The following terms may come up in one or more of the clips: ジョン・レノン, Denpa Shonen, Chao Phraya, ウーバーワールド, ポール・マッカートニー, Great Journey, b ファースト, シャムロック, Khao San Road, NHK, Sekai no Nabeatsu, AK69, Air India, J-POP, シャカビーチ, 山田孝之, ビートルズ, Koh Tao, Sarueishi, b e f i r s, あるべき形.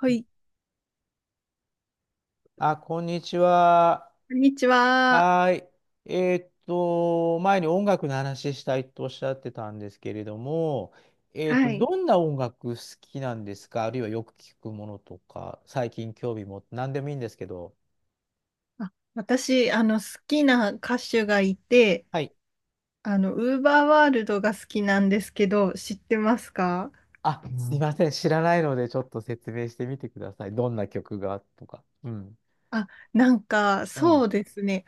はい、あ、こんにちは。こんにちは。はい。前に音楽の話したいとおっしゃってたんですけれども、はい。どんな音楽好きなんですか？あるいはよく聞くものとか、最近興味持って、何でもいいんですけど。あ、私、好きな歌手がいて、はい。ウーバーワールドが好きなんですけど、知ってますか？あ、すいません。知らないので、ちょっと説明してみてください。どんな曲がとか。うん。あ、なんか、うん。そうですね。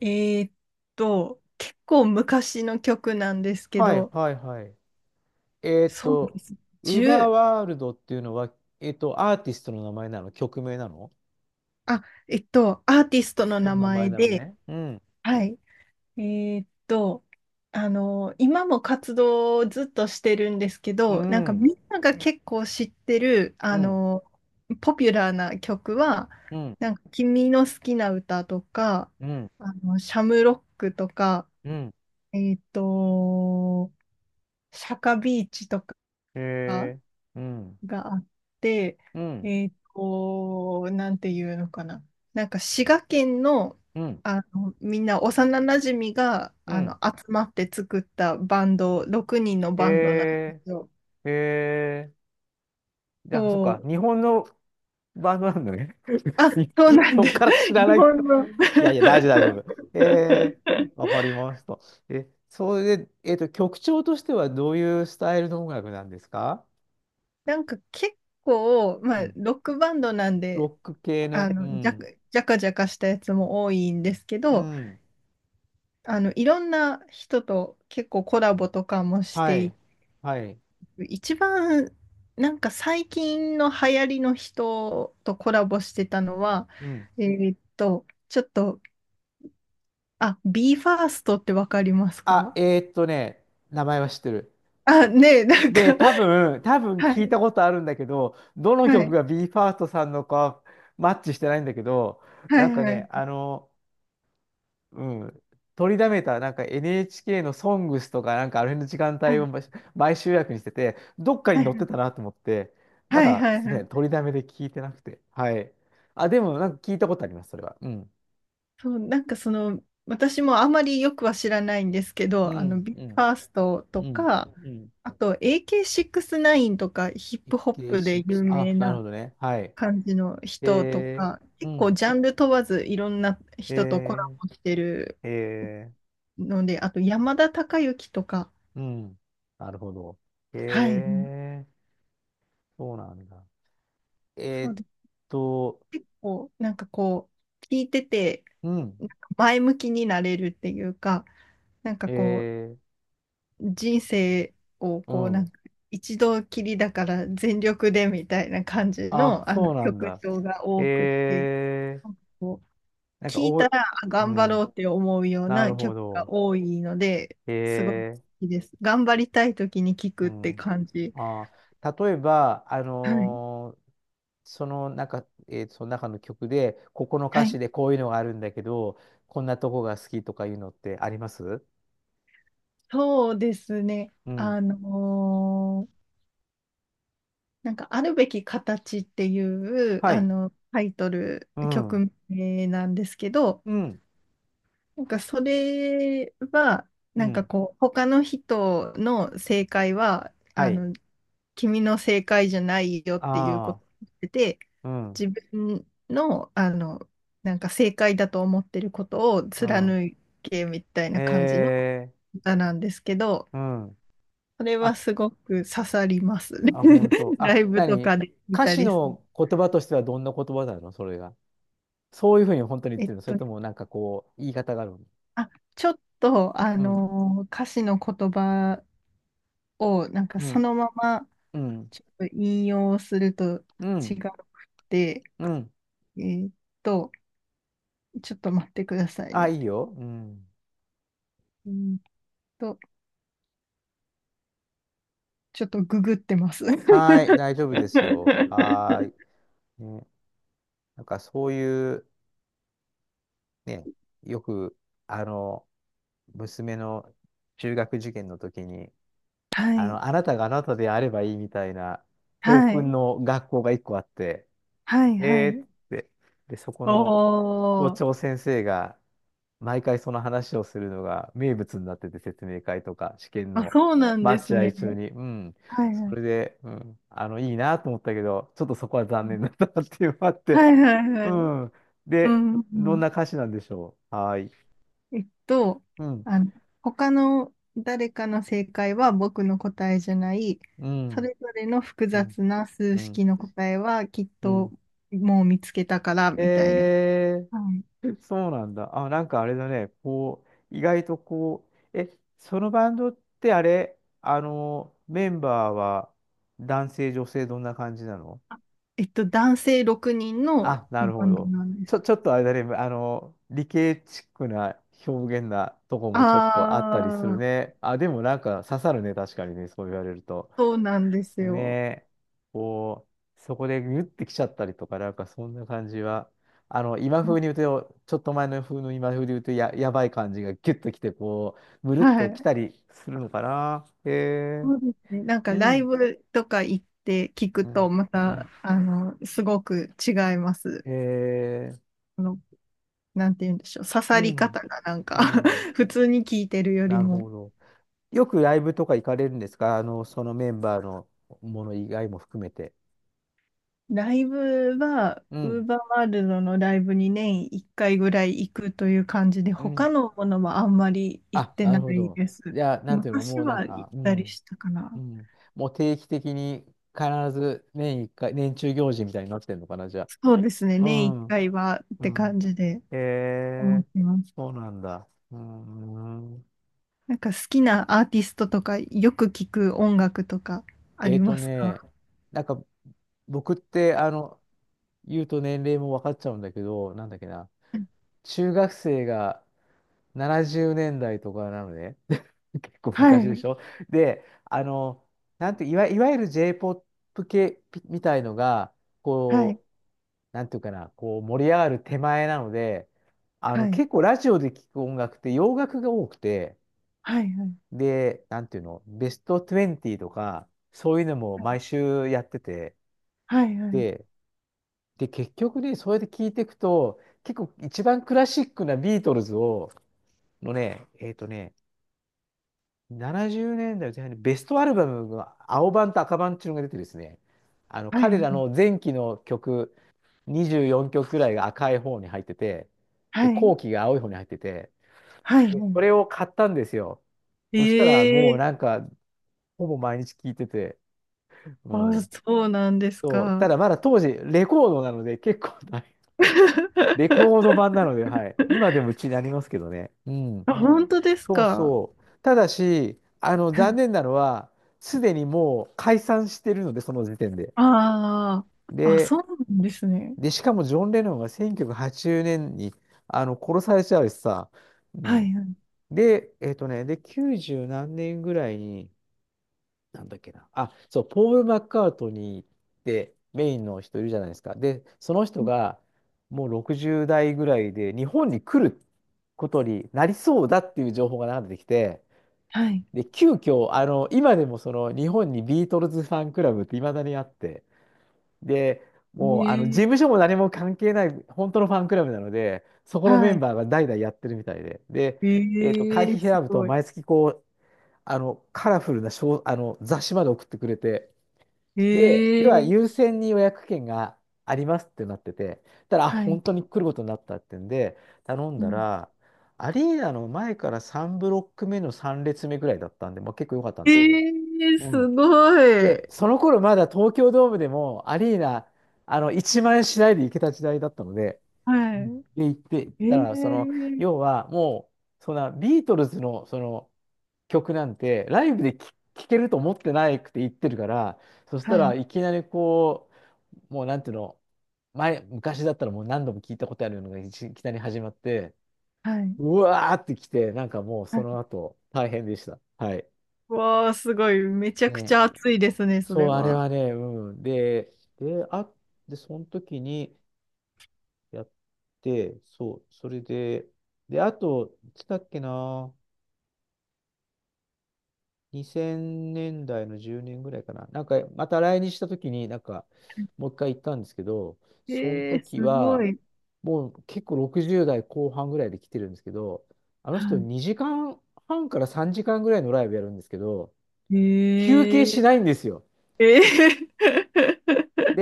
えーっ結構昔の曲なんですけはい、ど、はい、はい。えーっそうでと、す。ウーバー10、ワールドっていうのは、アーティストの名前なの？曲名なの？あ、アーティストのそ名の名前前なので、ね。うん。はい。えーっと、今も活動をずっとしてるんですけうど、なんかん、みんなが結構知ってる、うん、ポピュラーな曲は、うん、なんか君の好きな歌とか、うん、シャムロックとか、うん、えーっと、シャカビーチとか、へえ、うん、があって、うん、なんていうのかな。なんか滋賀県の、うん、みんな幼なじみがうん、集まって作ったバンド、6人のへバンドなんでえ、すよ。へえ、じゃあ、そっか、そう。日本のバンドなんだね。あ、しそうなんそでっす。から知 らな日いっ本て。いの。やいや、大丈夫、大丈夫。へえ、わかりました。え、それで、曲調としてはどういうスタイルの音楽なんですか？なんか結構、うまあ、ん。ロックバンドなんで、ロック系あの、うの、じゃ、ん、じゃかじゃかしたやつも多いんですけうど、ん、いろんな人と結構コラボとかもしはていい、はい、一番なんか最近の流行りの人とコラボしてたのは、うん。ちょっと、あ、b ファーストってわかりますあ、か？名前は知ってる。あ、ねえ、なんで、か、多分は聞いい、たことあるんだけど、どのは曲い、が b e f i r s さんのかマッチしてないんだけど、はない、んかはね、い、うん、取りだめた、なんか NHK のソングスとか、なんかあれの時間は帯をい、毎週約にしてて、どっかはにい、載っはてたい、なと思って、まはいだ、はすみません、い。取りだめで聞いてなくて。はい。あ、でも、なんか聞いたことあります、それは。うん。そう、なんかその、私もあまりよくは知らないんですけうど、ん、b うフん、ァーストとうん、か、うん。あと AK69 とかヒップホップで6、有あ、名なるな、ほどね。はい。感じの人とえか、ー、う結構ん。ジャンル問わずいろんな人とコラえボしてるー、えーので、あと山田孝之とか、うん。なるほど。へはい、うん。え、そうなんだ。えそーうっです。と、結構なんかこう、聞いてて、うん。なんか前向きになれるっていうか、なんかえこー、う、人生をうこう、なんん。か一度きりだから全力でみたいな感じあ、の、あのそうなん曲だ。調がへ多くて、え、なんかこなんうか聞いお、たらあう頑張ろん。うって思うようなるなほ曲がど。多いので、へすごい好え、きです。頑張りたい時に聞うくってん。感じ。あ、例えば、はい。その中、えーその中の曲で、ここのは歌詞い。でこういうのがあるんだけど、こんなとこが好きとかいうのってあります？そうですね。うん。なんか、あるべき形っていう、はい。タイトル、うん。曲名なんですけど、うん。なんかそれは、うなんかん。こう、他の人の正解は、はい。君の正解じゃないよっていうこあとであ、うん、自分の、なんか正解だと思ってることをうん。貫けみたいな感じのええ歌なんですけど、うん。それはあ、すごく刺さりますね。あ、本当。あ、ライブとかで見歌た詞りする。の言葉としてはどんな言葉なの？それが。そういうふうに本当に言っえてっるの？それと、ともなんかこう、言い方があるの？あ、ちょっと、うん、歌詞の言葉を、なんかうそん、のまま、うん、ちょっと引用するとう違ん、くて、うん。えーっと、ちょっと待ってくださいあ、ね。いいよ。うん。うーんと、ちょっとググってます。はーい、大丈夫ですよ。はーい。ね、なんかそういう、ね、よく、あの、娘の中学受験の時に、はい、あなたがあなたであればいいみたいな、校は訓い、の学校が一個あって、はい、はえーい。っつって、で、そこおの校ー、長先生が毎回その話をするのが名物になってて、説明会とか試験あ、のそうなんです待合ね。中に、うん、はい、はそい。れで、うん、いいなと思ったけど、ちょっとそこは残念だったなっていうのがあっはて、い、はい、はうい。ん。うで、ん、うどんなん。歌詞なんでしょう。はーい。えっと、うん、あの、他の誰かの正解は僕の答えじゃない、うそん、れぞれの複うん、雑な数うん、式の答えはきっうとん。もう見つけたからみたいな。えー はい。そうなんだ。あ、なんかあれだね。こう、意外とこう、え、そのバンドってあれ、メンバーは男性、女性どんな感じなの？男性6人のあ、なるバほンドど。なんでちす。ょ、ちょっとあれだね。理系チックな表現なとこもちょっとあったりするああ、ね。あ、でもなんか刺さるね。確かにね。そう言われると。そうなんですねよ。え、こう、そこでギュッてきちゃったりとか、なんかそんな感じは、今風に言うと、ちょっと前の風の今風で言うとやばい感じがギュッときて、こう、むるっはときい。たりするのかな。へえ、そうですね。なんかうライん、ブとか行って聞くうん、と、まうた、ん、すごく違います。へえ、なんて言うんでしょう、刺うさり方ん、がなんうか ん、普通に聞いてるよりなるも。ほど。よくライブとか行かれるんですか？そのメンバーのもの以外も含めて。ライブは、うウーん、バーワールドのライブに年1回ぐらい行くという感じで、う他ん。のものはあんまり行っあ、てななるほいど。です。じゃあ、なんていうか、昔もうなんは行か、っうたりん。したかうな。ん。もう定期的に必ず年一回、年中行事みたいになってんのかな、じゃそうですね、あ。う年1ん。回はっうてん。感じでへ思っえ、てます。そうなんだ。うん。なんか好きなアーティストとか、よく聞く音楽とかあえりーとますか？ね、なんか、僕って、言うと年齢も分かっちゃうんだけど、なんだっけな。中学生が70年代とかなのね。結構は昔でい、しょ？で、なんて、いわゆる J-POP 系みたいのが、はい、こう、なんていうかな、こう盛り上がる手前なので、はい、結構ラジオで聞く音楽って洋楽が多くて、はい、はい、で、なんていうの、ベスト20とか、そういうのもはい、毎週やってて、はい、はい、はい。で、で、結局ね、そうやって聞いていくと、結構一番クラシックなビートルズを、のね、70年代前半にベストアルバムが青版と赤版っていうのが出てですね、は彼いらの前期の曲、24曲くらいが赤い方に入ってて、で、はいはい後期が青い方に入ってて、はい、でそはれを買ったんですよ。い。そしたらもうなんええ。か、ほぼ毎日聴いてて、うあ、ん。そうなんですそう、たか？だまだ当時、レコードなので結構大変、レコード版な ので、はい。今でもうちになりますけどね。うん。あ、本当ですそうか？そう。ただし、は残い、念なのは、すでにもう解散してるので、その時点で。ああ、あ、で、そうなんですね。で、しかもジョン・レノンが1980年に殺されちゃうしさ、うはん。い、はい。で、で、90何年ぐらいに、なんだっけな、あ、そう、ポール・マッカートニーってメインの人いるじゃないですか。で、その人がもう60代ぐらいで日本に来ることになりそうだっていう情報が流れてきて、はい。で、急遽、今でもその日本にビートルズファンクラブっていまだにあって、で、もうあの事務所ええ。も何も関係ない、本当のファンクラブなので、そこのメはンバい。ーが代々やってるみたいで、で、え会費え、す選ぶとごい。毎月こう、あのカラフルなショー、あの雑誌まで送ってくれて、で、要はえ優え。先に予約券がありますってなってて、あ、はい。本当に来ることになったってんで、頼んうだん。ら、アリーナの前から3ブロック目の3列目ぐらいだったんで、まあ、結構良かったんえですけど、え、うすん。ごで、い。その頃まだ東京ドームでもアリーナ、1万円しないで行けた時代だったので、うん。はで、行って、行っい。たら、その、え要え。はもう、そんなビートルズのその曲なんて、ライブで聴けると思ってないくて行ってるから、そしたはらい。いきなりこう、もうなんていうの、昔だったらもう何度も聞いたことあるのがいきなり始まって、はい。うわーってきて、なんかもうはそい。の後、大変でした。はい。わあ、すごい。めちゃくちね。ゃ熱いですね、そそれう、あれは。はね、うん。で、あ、で、その時にやって、そう、それで、で、あと、いつだっけな、2000年代の10年ぐらいかな、なんか、また来日した時に、なんか、もう一回行ったんですけど、そのええ、時すごは、い。もう結構60代後半ぐらいで来てるんですけど、あのは人い。2時間半から3時間ぐらいのライブやるんですけど、休え憩しえ。ないんですよ。ええ。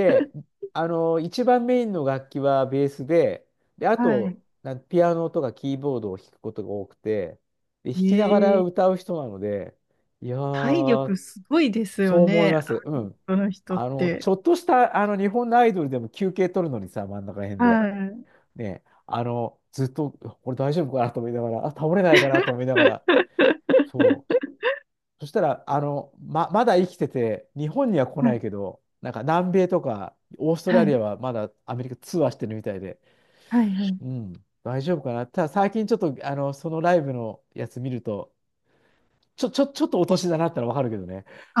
一番メインの楽器はベースで、で、あはい。と、ピアノとかキーボードを弾くことが多くて、で、弾きながらええ。歌う人なので、いや体ー、力すごいですよそう思いね。ます。うアーティスん。トの人って。ちょっとした、日本のアイドルでも休憩取るのにさ、真ん中辺で。はい。ね、ずっと、これ大丈夫かなと思いながら、あ、倒れないかなと思いながら、そう。そしたら、まだ生きてて、日本には来はないい。けど、なんか南米とかオーストはラリアい。はまだアメリカツアーしてるみたいで、はい。はい。うん、大丈夫かな。ただ最近ちょっと、そのライブのやつ見ると、ちょっとお年だなったらわかるけどね。あ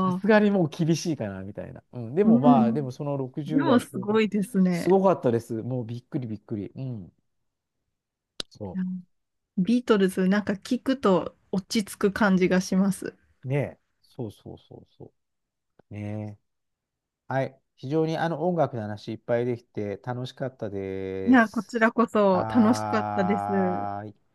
さすがにもう厳しいかな、みたいな。うん、でもうまあ、でん。もそので60も代す後半、ごいですすね。ごかったです。もうびっくりびっくり。うん。そいや、ビートルズ、なんか聞くと落ち着く感じがします。うねえ。そうそうそうそう。ねえ。はい。非常にあの音楽の話いっぱいできて楽しかったいでや、こす。ちらこそ楽しかったです。はーい。